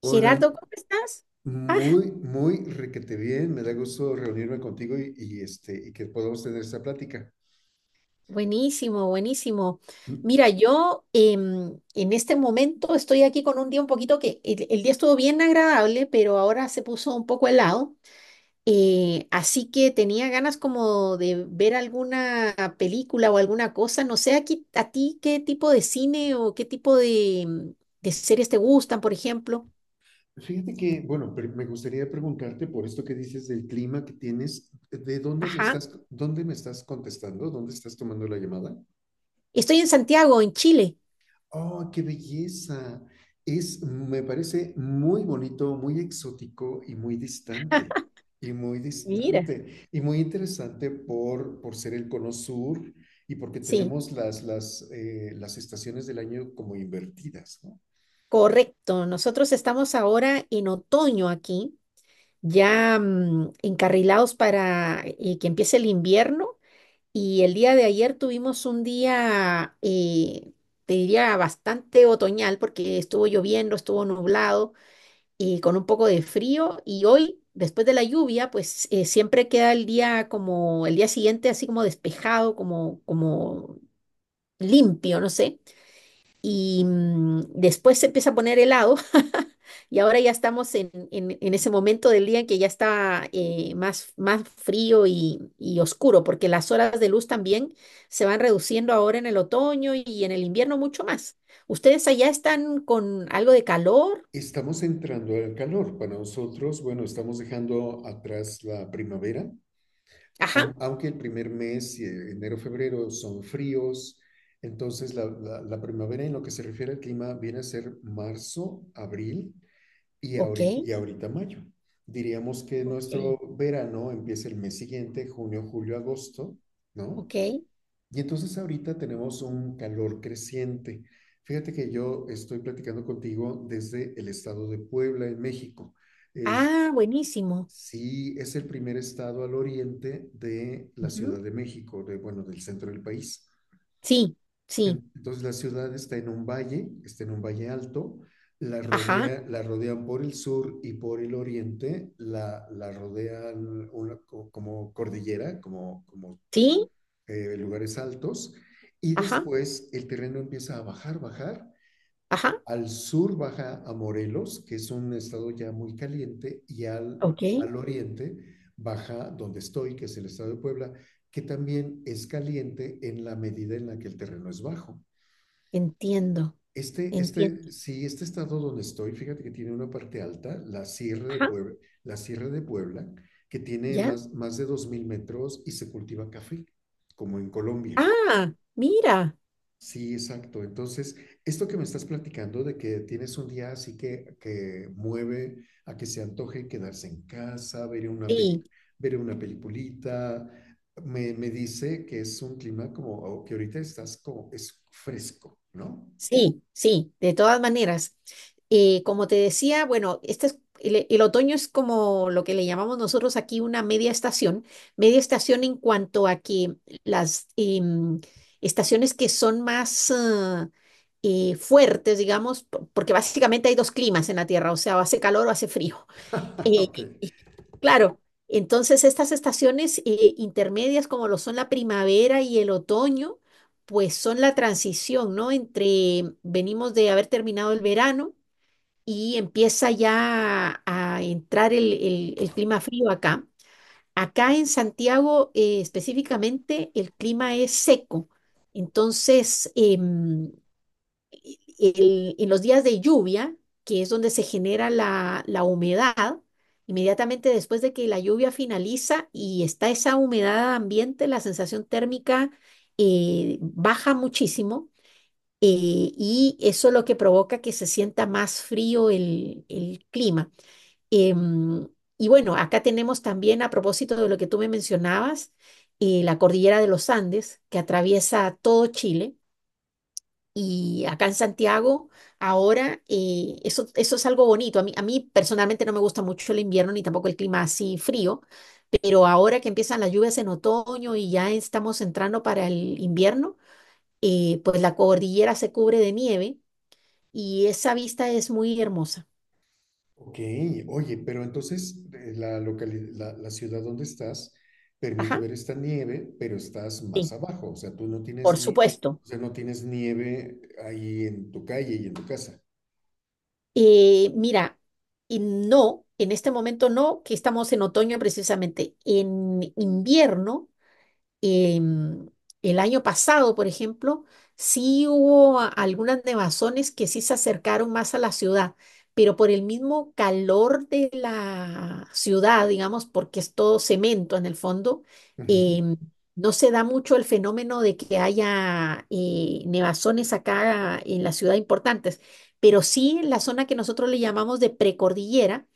Hola, Gerardo, ¿cómo estás? Ah, muy, muy requete bien. Me da gusto reunirme contigo y que podamos tener esta plática. buenísimo, buenísimo. Mm, Mira, yo en este momento estoy aquí con un día un poquito que el día estuvo bien agradable, pero ahora se puso un poco helado. Así que tenía ganas como de ver alguna película o alguna cosa. No sé, aquí, a ti qué tipo de cine o qué tipo de, de series te gustan, por ejemplo. Fíjate que, bueno, me gustaría preguntarte por esto que dices del clima que tienes. ¿De Ajá. Dónde me estás contestando? ¿Dónde estás tomando la llamada? Estoy en Santiago, en Chile. Oh, qué belleza. Me parece muy bonito, muy exótico y muy distante. Y muy Mira. distante. Y muy interesante por ser el cono sur y porque Sí. tenemos las estaciones del año como invertidas, ¿no? Correcto, nosotros estamos ahora en otoño aquí, ya encarrilados para que empiece el invierno y el día de ayer tuvimos un día, te diría, bastante otoñal porque estuvo lloviendo, estuvo nublado y con un poco de frío y hoy, después de la lluvia, pues siempre queda el día como el día siguiente así como despejado, como, como limpio, no sé. Y después se empieza a poner helado y ahora ya estamos en, en ese momento del día en que ya está más, más frío y oscuro, porque las horas de luz también se van reduciendo ahora en el otoño y en el invierno mucho más. ¿Ustedes allá están con algo de calor? Estamos entrando al calor. Para nosotros, bueno, estamos dejando atrás la primavera. Ajá, Aunque el primer mes, enero, febrero, son fríos, entonces la primavera en lo que se refiere al clima viene a ser marzo, abril y ok, ahorita, y ahorita mayo. Diríamos que ok, nuestro verano empieza el mes siguiente, junio, julio, agosto, ¿no? ok. Y entonces ahorita tenemos un calor creciente. Fíjate que yo estoy platicando contigo desde el estado de Puebla, en México. Es- Ah, buenísimo. Sí, es el primer estado al oriente de la Ciudad Ujú. de México, de, bueno, del centro del país. Sí, sí, Entonces la ciudad está en un valle, está en un valle alto. Ajá, La rodean por el sur y por el oriente, la rodean una como cordillera, como, como sí, eh, lugares altos, y ajá, después el terreno empieza a bajar, bajar, ajá, al sur baja a Morelos, que es un estado ya muy caliente, y al, ok. al oriente baja donde estoy, que es el estado de Puebla, que también es caliente en la medida en la que el terreno es bajo. Entiendo, Este, este, entiendo. sí, este estado donde estoy, fíjate que tiene una parte alta, la Sierra de Ajá, Puebla, la Sierra de Puebla que tiene ya. más de 2000 metros y se cultiva café, como en Colombia. Ah, mira. Sí, exacto. Entonces, esto que me estás platicando de que tienes un día así que mueve a que se antoje quedarse en casa, ver una peli, Sí. ver una peliculita, me dice que es un clima como o que ahorita estás como, es fresco, ¿no? Sí, sí, de todas maneras. Como te decía, bueno, el otoño es como lo que le llamamos nosotros aquí una media estación. Media estación en cuanto a que las estaciones que son más fuertes, digamos, porque básicamente hay dos climas en la Tierra, o sea, o hace calor o hace frío. Eh, Ok. eh, claro, entonces estas estaciones intermedias como lo son la primavera y el otoño, pues son la transición, ¿no? Entre venimos de haber terminado el verano y empieza ya a entrar el, el clima frío acá. Acá en Santiago específicamente el clima es seco, entonces en los días de lluvia, que es donde se genera la, la humedad, inmediatamente después de que la lluvia finaliza y está esa humedad ambiente, la sensación térmica baja muchísimo eh, y eso es lo que provoca que se sienta más frío el clima. Em, y bueno, acá tenemos también, a propósito de lo que tú me mencionabas, la cordillera de los Andes, que atraviesa todo Chile y acá en Santiago, ahora, eso, eso es algo bonito. A mí personalmente no me gusta mucho el invierno ni tampoco el clima así frío, pero ahora que empiezan las lluvias en otoño y ya estamos entrando para el invierno, pues la cordillera se cubre de nieve y esa vista es muy hermosa. Ok, oye, pero entonces la ciudad donde estás permite Ajá, ver esta nieve, pero estás sí, más abajo, o sea, tú no por tienes ni, supuesto. o sea, no tienes nieve ahí en tu calle y en tu casa. Mira, y no, en este momento no, que estamos en otoño precisamente. En invierno. em, el año pasado, por ejemplo, sí hubo algunas nevazones que sí se acercaron más a la ciudad, pero por el mismo calor de la ciudad, digamos, porque es todo cemento en el fondo, em, no se da mucho el fenómeno de que haya nevazones acá en la ciudad importantes, pero sí en la zona que nosotros le llamamos de precordillera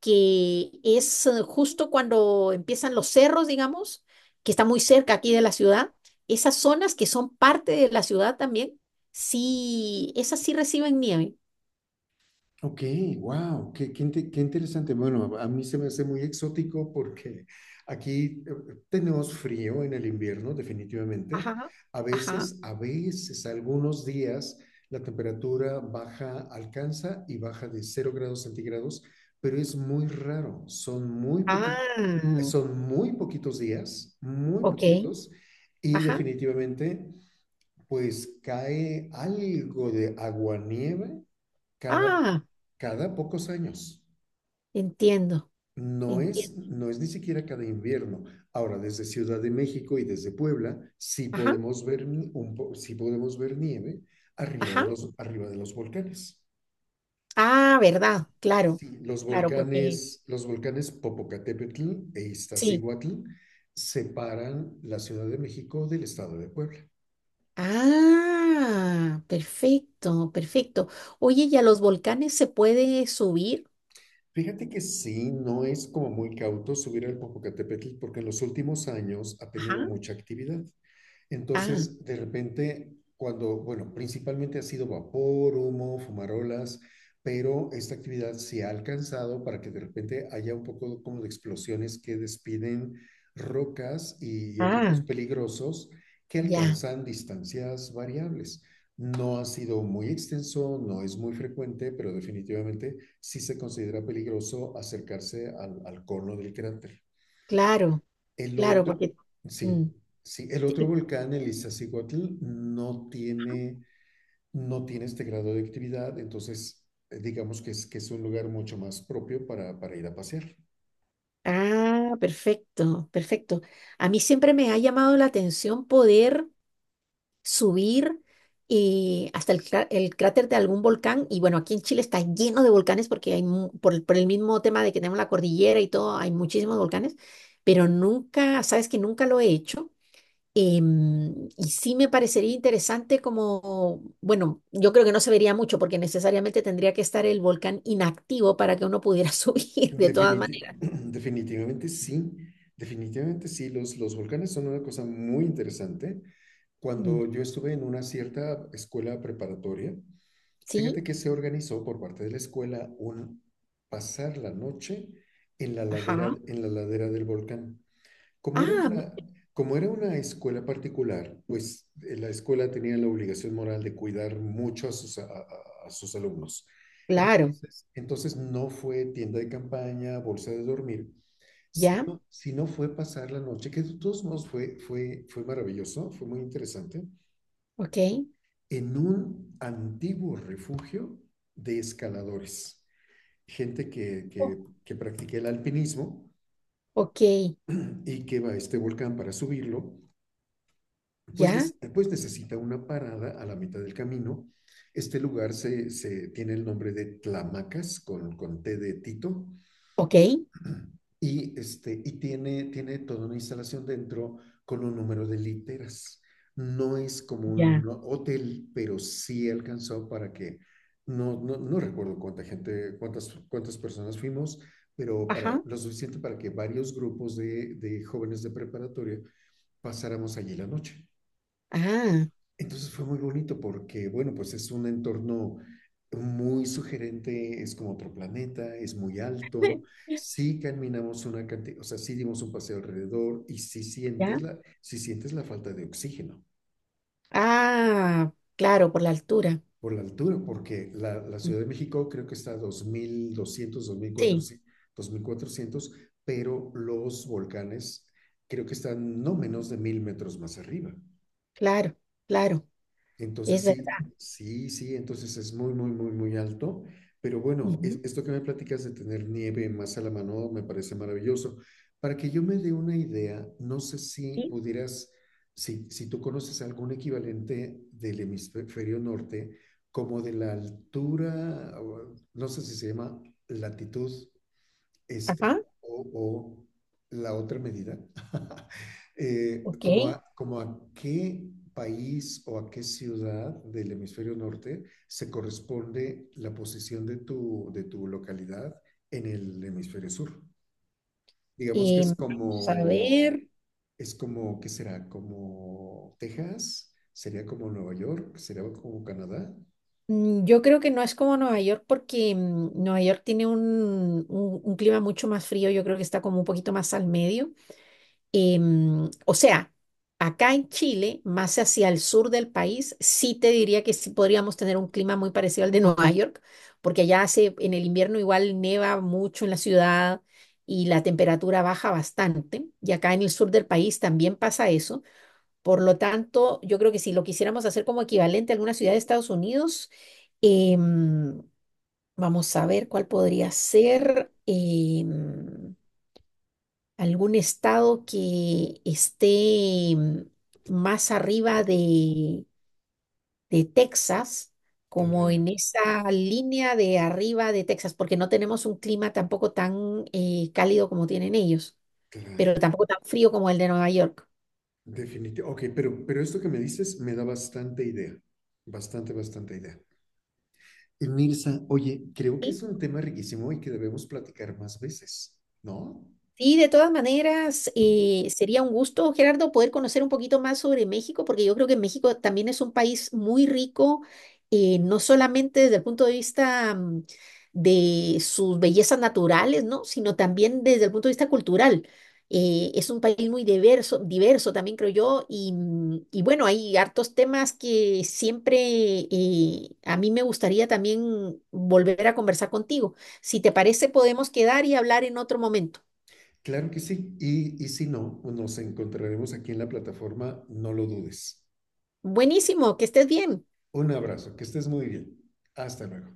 que es justo cuando empiezan los cerros, digamos, que está muy cerca aquí de la ciudad, esas zonas que son parte de la ciudad también, sí, esas sí reciben nieve. Ok, wow, qué interesante. Bueno, a mí se me hace muy exótico porque aquí tenemos frío en el invierno, definitivamente. Ajá, ajá. A veces, algunos días la temperatura baja, alcanza y baja de cero grados centígrados, pero es muy raro. Ah, Son muy poquitos días, muy ok. poquitos, y Ajá. definitivamente, pues cae algo de aguanieve cada, Ah, cada pocos años. entiendo, No es, entiendo. no es ni siquiera cada invierno. Ahora, desde Ciudad de México y desde Puebla, sí Ajá, podemos ver, ni- un sí podemos ver nieve arriba de ajá. los, arriba de los volcanes. Ah, verdad, claro, Sí, los claro, porque volcanes, los volcanes Popocatépetl e sí. Iztaccíhuatl separan la Ciudad de México del estado de Puebla. Ah, perfecto, perfecto. Oye, ¿y a los volcanes se puede subir? Fíjate que sí, no es como muy cauto subir al Popocatépetl porque en los últimos años ha tenido mucha actividad. Ah, Entonces, de repente, cuando, bueno, principalmente ha sido vapor, humo, fumarolas, pero esta actividad se ha alcanzado para que de repente haya un poco como de explosiones que despiden rocas y objetos ah, peligrosos que ya, alcanzan distancias variables. No ha sido muy extenso, no es muy frecuente, pero definitivamente sí se considera peligroso acercarse al, al cono del cráter. claro, El claro, otro, porque... sí, mm, sí, el otro te- volcán, el Iztaccíhuatl, no tiene este grado de actividad, entonces digamos que es, un lugar mucho más propio para ir a pasear. ah, perfecto, perfecto. A mí siempre me ha llamado la atención poder subir y hasta el, el cráter de algún volcán. Y bueno, aquí en Chile está lleno de volcanes porque hay, por, por el mismo tema de que tenemos la cordillera y todo, hay muchísimos volcanes, pero nunca, sabes que nunca lo he hecho. Y sí me parecería interesante como, bueno, yo creo que no se vería mucho porque necesariamente tendría que estar el volcán inactivo para que uno pudiera subir de todas Definiti- maneras. definitivamente sí, definitivamente sí, los volcanes son una cosa muy interesante. Mm, Cuando yo estuve en una cierta escuela preparatoria, fíjate ¿sí? que se organizó por parte de la escuela un pasar la noche Ajá. en la ladera del volcán. Como era Ah, una, como era una escuela particular, pues la escuela tenía la obligación moral de cuidar mucho a sus alumnos. claro. Entonces no fue tienda de campaña, bolsa de dormir, Ya. sino fue pasar la noche, que de todos modos fue maravilloso, fue muy interesante, Ok. en un antiguo refugio de escaladores, gente que, Oh, que, que practica el alpinismo ok. y que va a este volcán para subirlo, pues, Ya. pues necesita una parada a la mitad del camino. Este lugar se tiene el nombre de Tlamacas, con T de Tito, Ok. y tiene toda una instalación dentro con un número de literas. No es como Ya. un hotel, pero sí alcanzó para que, no recuerdo cuánta gente, cuántas personas fuimos, pero para, Ajá. lo suficiente para que varios grupos de jóvenes de preparatoria pasáramos allí la noche. Ah. Entonces fue muy bonito porque, bueno, pues es un entorno muy sugerente, es como otro planeta, es muy alto, sí caminamos una cantidad, o sea, sí dimos un paseo alrededor y Ya. Sí sientes la falta de oxígeno Ah, claro, por la altura. por la altura, porque la Mm, Ciudad de México creo que está a 2200, dos mil sí, cuatrocientos dos mil cuatrocientos, pero los volcanes creo que están no menos de 1000 metros más arriba. claro, claro. Es Entonces sí, verdad. sí, sí, entonces es muy, muy, muy, muy alto. Pero bueno, Ujú, esto que me platicas de tener nieve más a la mano me parece maravilloso. Para que yo me dé una idea, no sé si sí. pudieras, si tú conoces algún equivalente del hemisferio norte, como de la altura, o, no sé si se llama latitud Ajá. o la otra medida, Ok. Como a qué país o a qué ciudad del hemisferio norte se corresponde la posición de tu localidad en el hemisferio sur. Digamos que es Vamos a como, ver, es como, ¿qué será? Como Texas, sería como Nueva York, sería como Canadá. Yo creo que no es como Nueva York porque Nueva York tiene un, un clima mucho más frío, yo creo que está como un poquito más al medio. O sea, acá en Chile, más hacia el sur del país, sí te diría que sí podríamos tener un clima muy parecido al de Nueva York, porque allá hace, en el invierno igual neva mucho en la ciudad y la temperatura baja bastante, y acá en el sur del país también pasa eso. Por lo tanto, yo creo que si lo quisiéramos hacer como equivalente a alguna ciudad de Estados Unidos, em, vamos a ver cuál podría ser algún estado que esté em, más arriba de Texas, como Claro, en esa línea de arriba de Texas, porque no tenemos un clima tampoco tan cálido como tienen ellos, pero claro. tampoco tan frío como el de Nueva York. Definitivo. Ok, pero esto que me dices me da bastante idea, bastante, bastante idea. Y Mirza, oye, creo que ¿Sí? es un tema riquísimo y que debemos platicar más veces, ¿no? Sí, de todas maneras, sería un gusto, Gerardo, poder conocer un poquito más sobre México, porque yo creo que México también es un país muy rico, no solamente desde el punto de vista de sus bellezas naturales, ¿no? Sino también desde el punto de vista cultural. Es un país muy diverso, diverso también creo yo, y, y bueno, hay hartos temas que siempre a mí me gustaría también volver a conversar contigo. Si te parece, podemos quedar y hablar en otro momento. Claro que sí. Y si no, nos encontraremos aquí en la plataforma, no lo dudes. Buenísimo, que estés bien. Un abrazo, que estés muy bien. Hasta luego.